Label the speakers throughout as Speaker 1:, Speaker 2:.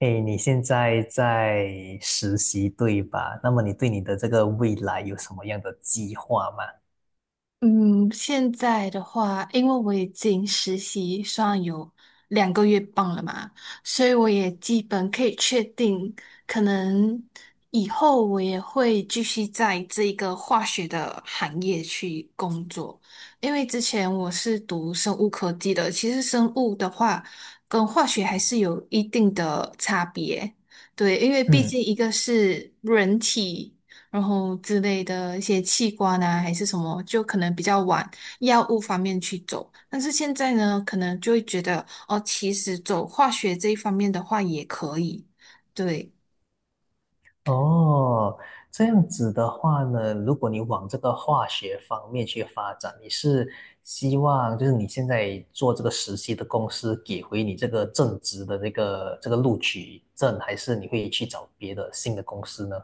Speaker 1: 诶，你现在在实习对吧？那么你对你的这个未来有什么样的计划吗？
Speaker 2: 嗯，现在的话，因为我已经实习算有2个月半了嘛，所以我也基本可以确定，可能以后我也会继续在这个化学的行业去工作。因为之前我是读生物科技的，其实生物的话跟化学还是有一定的差别。对，因为毕
Speaker 1: 嗯。
Speaker 2: 竟一个是人体。然后之类的一些器官啊，还是什么，就可能比较往药物方面去走。但是现在呢，可能就会觉得哦，其实走化学这一方面的话也可以。对，
Speaker 1: 哦，这样子的话呢，如果你往这个化学方面去发展，你是希望就是你现在做这个实习的公司给回你这个正职的这个录取证，还是你会去找别的新的公司呢？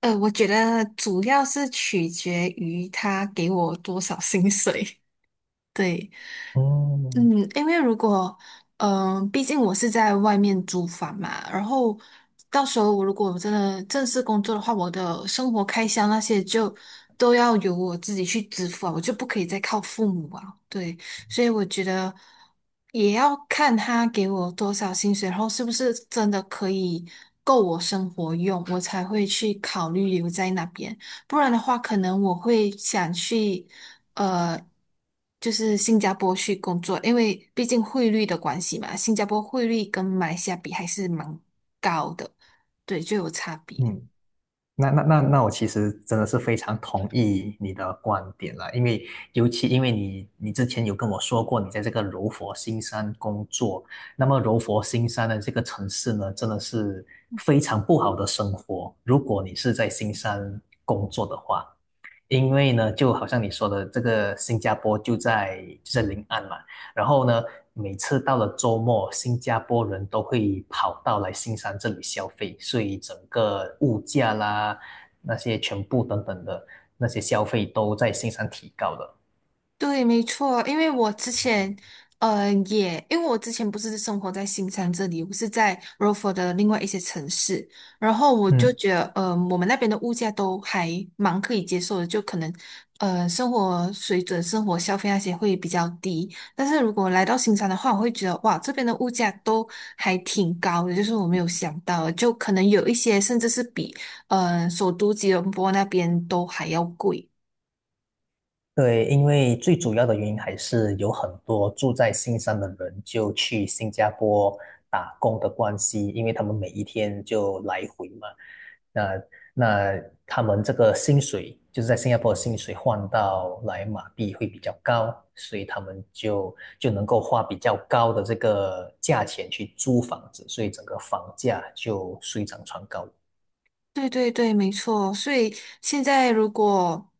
Speaker 2: 我觉得主要是取决于他给我多少薪水。对，
Speaker 1: 嗯。
Speaker 2: 嗯，因为如果，毕竟我是在外面租房嘛，然后到时候我如果真的正式工作的话，我的生活开销那些就都要由我自己去支付啊，我就不可以再靠父母啊。对，所以我觉得也要看他给我多少薪水，然后是不是真的可以够我生活用，我才会去考虑留在那边。不然的话，可能我会想去，呃，就是新加坡去工作，因为毕竟汇率的关系嘛，新加坡汇率跟马来西亚比还是蛮高的，对，就有差别。
Speaker 1: 嗯。那我其实真的是非常同意你的观点啦，因为尤其因为你之前有跟我说过你在这个柔佛新山工作，那么柔佛新山的这个城市呢，真的是非常不好的生活，如果你是在新山工作的话。因为呢，就好像你说的，这个新加坡就在临岸嘛，然后呢，每次到了周末，新加坡人都会跑到来新山这里消费，所以整个物价啦，那些全部等等的那些消费都在新山提高的。
Speaker 2: 对，没错，因为我之前，也因为我之前不是生活在新山这里，我是在 r o f o r 的另外一些城市，然后我就
Speaker 1: 嗯，
Speaker 2: 觉得，我们那边的物价都还蛮可以接受的，就可能，生活水准、生活消费那些会比较低。但是如果来到新山的话，我会觉得，哇，这边的物价都还挺高的，就是我没有想到的就可能有一些甚至是比，首都吉隆坡那边都还要贵。
Speaker 1: 对，因为最主要的原因还是有很多住在新山的人就去新加坡打工的关系，因为他们每一天就来回嘛，那那他们这个薪水就是在新加坡的薪水换到来马币会比较高，所以他们就能够花比较高的这个价钱去租房子，所以整个房价就水涨船高。
Speaker 2: 对对对，没错。所以现在如果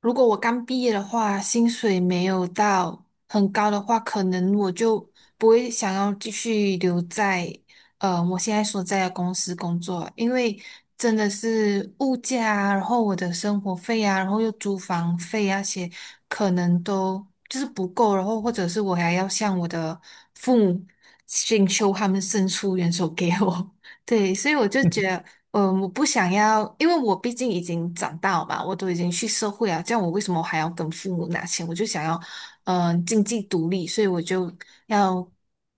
Speaker 2: 我刚毕业的话，薪水没有到很高的话，可能我就不会想要继续留在我现在所在的公司工作，因为真的是物价啊，然后我的生活费啊，然后又租房费啊，些可能都就是不够，然后或者是我还要向我的父母请求他们伸出援手给我。对，所以我就觉得，我不想要，因为我毕竟已经长大了吧，我都已经去社会啊，这样我为什么还要跟父母拿钱？我就想要，经济独立，所以我就要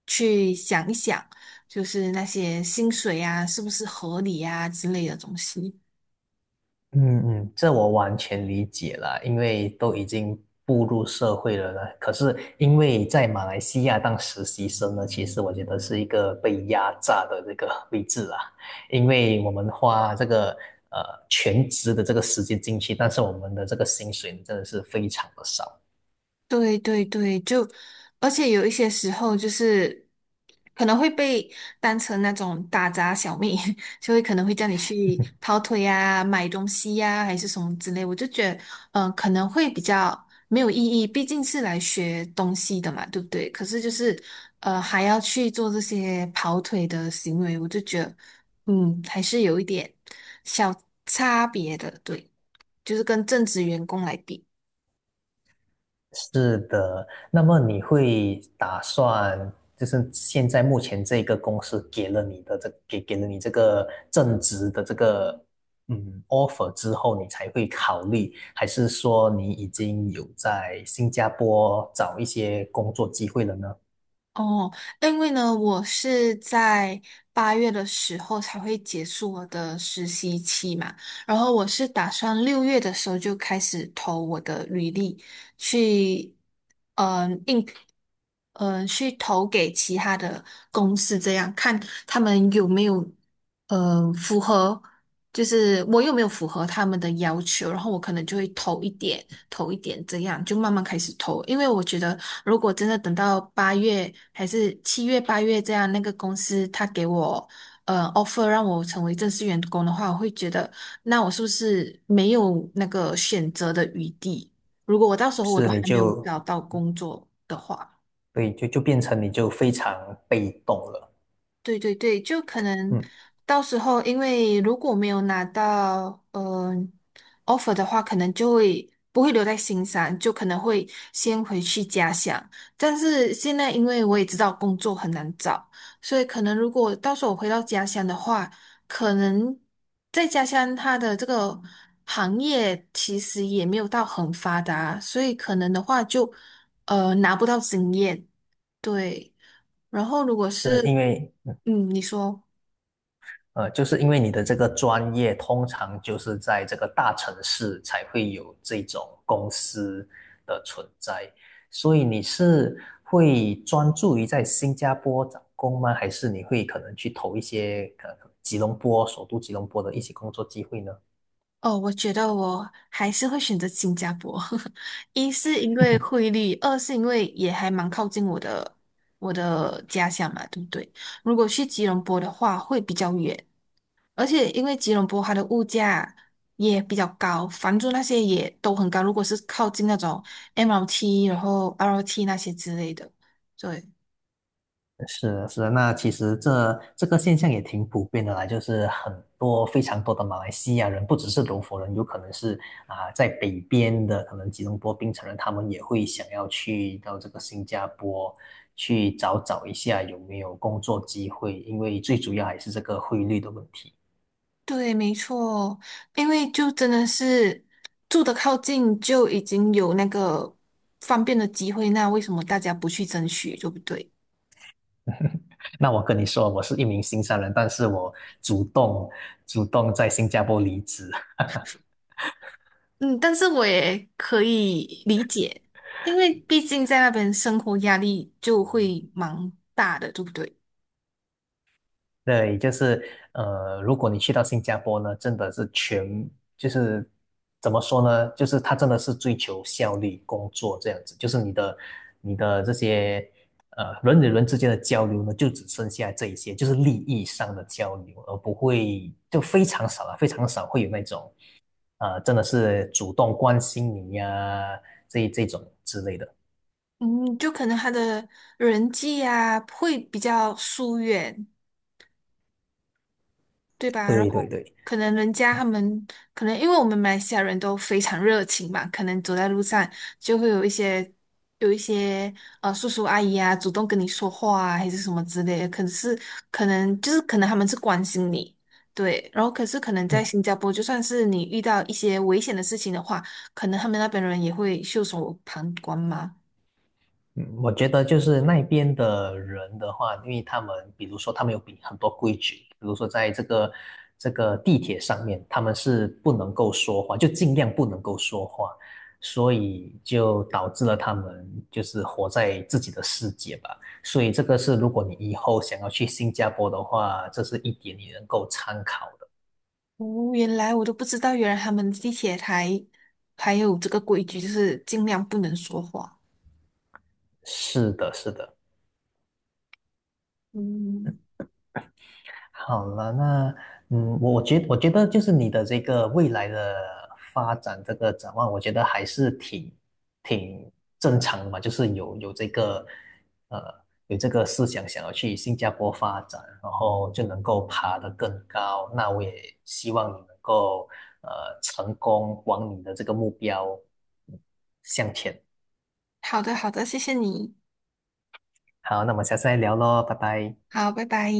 Speaker 2: 去想一想，就是那些薪水啊，是不是合理啊之类的东西。
Speaker 1: 嗯嗯，这我完全理解了，因为都已经步入社会了呢。可是因为在马来西亚当实习生呢，其实我觉得是一个被压榨的这个 位置啊，因为我们花这个呃全职的这个时间进去，但是我们的这个薪水真的是非常的少。
Speaker 2: 对对对，就而且有一些时候就是可能会被当成那种打杂小妹，就会可能会叫你去跑腿呀、买东西呀、还是什么之类。我就觉得，可能会比较没有意义，毕竟是来学东西的嘛，对不对？可是就是还要去做这些跑腿的行为，我就觉得，还是有一点小差别的，对，就是跟正职员工来比。
Speaker 1: 是的，那么你会打算，就是现在目前这个公司给了你的这给给了你这个正职的这个嗯 offer 之后，你才会考虑，还是说你已经有在新加坡找一些工作机会了呢？
Speaker 2: 哦，因为呢，我是在八月的时候才会结束我的实习期嘛，然后我是打算6月的时候就开始投我的履历去，嗯，应，去投给其他的公司，这样看他们有没有，符合。就是我又没有符合他们的要求，然后我可能就会投一点,这样就慢慢开始投。因为我觉得，如果真的等到八月还是7月、八月这样，那个公司他给我offer 让我成为正式员工的话，我会觉得，那我是不是没有那个选择的余地？如果我到时候我
Speaker 1: 是，
Speaker 2: 都
Speaker 1: 你
Speaker 2: 还没有
Speaker 1: 就
Speaker 2: 找到工作的话。
Speaker 1: 对，就变成你就非常被动了。
Speaker 2: 对对对，就可能
Speaker 1: 嗯，
Speaker 2: 到时候，因为如果没有拿到offer 的话，可能就会不会留在新上，就可能会先回去家乡。但是现在，因为我也知道工作很难找，所以可能如果到时候我回到家乡的话，可能在家乡它的这个行业其实也没有到很发达，所以可能的话就拿不到经验，对。然后如果
Speaker 1: 是因
Speaker 2: 是，
Speaker 1: 为
Speaker 2: 你说，
Speaker 1: 呃，就是因为你的这个专业，通常就是在这个大城市才会有这种公司的存在，所以你是会专注于在新加坡找工吗？还是你会可能去投一些呃吉隆坡首都吉隆坡的一些工作机会呢？
Speaker 2: 哦，我觉得我还是会选择新加坡，一是因为汇率，二是因为也还蛮靠近我的家乡嘛，对不对？如果去吉隆坡的话，会比较远，而且因为吉隆坡它的物价也比较高，房租那些也都很高，如果是靠近那种 MRT 然后 LRT 那些之类的，对。
Speaker 1: 是的，是的，那其实这个现象也挺普遍的啦，就是很多非常多的马来西亚人，不只是柔佛人，有可能是啊、在北边的，可能吉隆坡、槟城人，他们也会想要去到这个新加坡去找找一下有没有工作机会，因为最主要还是这个汇率的问题。
Speaker 2: 对，没错，因为就真的是住的靠近，就已经有那个方便的机会，那为什么大家不去争取，对不对？
Speaker 1: 那我跟你说，我是一名新山人，但是我主动主动在新加坡离职。
Speaker 2: 嗯，但是我也可以理解，因为毕竟在那边生活压力就会蛮大的，对不对？
Speaker 1: 对，就是呃，如果你去到新加坡呢，真的是全就是怎么说呢？就是他真的是追求效率工作这样子，就是你的这些呃人与人之间的交流呢，就只剩下这一些，就是利益上的交流，而不会就非常少了，非常少会有那种呃真的是主动关心你呀、这种之类的。
Speaker 2: 嗯，就可能他的人际啊会比较疏远，对吧？然
Speaker 1: 对对
Speaker 2: 后
Speaker 1: 对。
Speaker 2: 可能人家他们可能因为我们马来西亚人都非常热情嘛，可能走在路上就会有一些叔叔阿姨啊主动跟你说话啊，还是什么之类的。可是可能就是可能他们是关心你，对。然后可是可能在新加坡，就算是你遇到一些危险的事情的话，可能他们那边人也会袖手旁观嘛。
Speaker 1: 嗯，我觉得就是那边的人的话，因为他们比如说他们有比很多规矩，比如说在这个地铁上面，他们是不能够说话，就尽量不能够说话，所以就导致了他们就是活在自己的世界吧。所以这个是如果你以后想要去新加坡的话，这是一点你能够参考的。
Speaker 2: 哦，原来我都不知道，原来他们地铁台还有这个规矩，就是尽量不能说话。
Speaker 1: 是的，是的。
Speaker 2: 嗯。
Speaker 1: 好了，那嗯，我觉得就是你的这个未来的发展这个展望，我觉得还是挺正常的嘛，就是有这个呃有这个思想想要去新加坡发展，然后就能够爬得更高。那我也希望你能够呃成功往你的这个目标嗯向前。
Speaker 2: 好的，好的，谢谢你，
Speaker 1: 好，那么下次再聊喽，拜拜。
Speaker 2: 好，拜拜。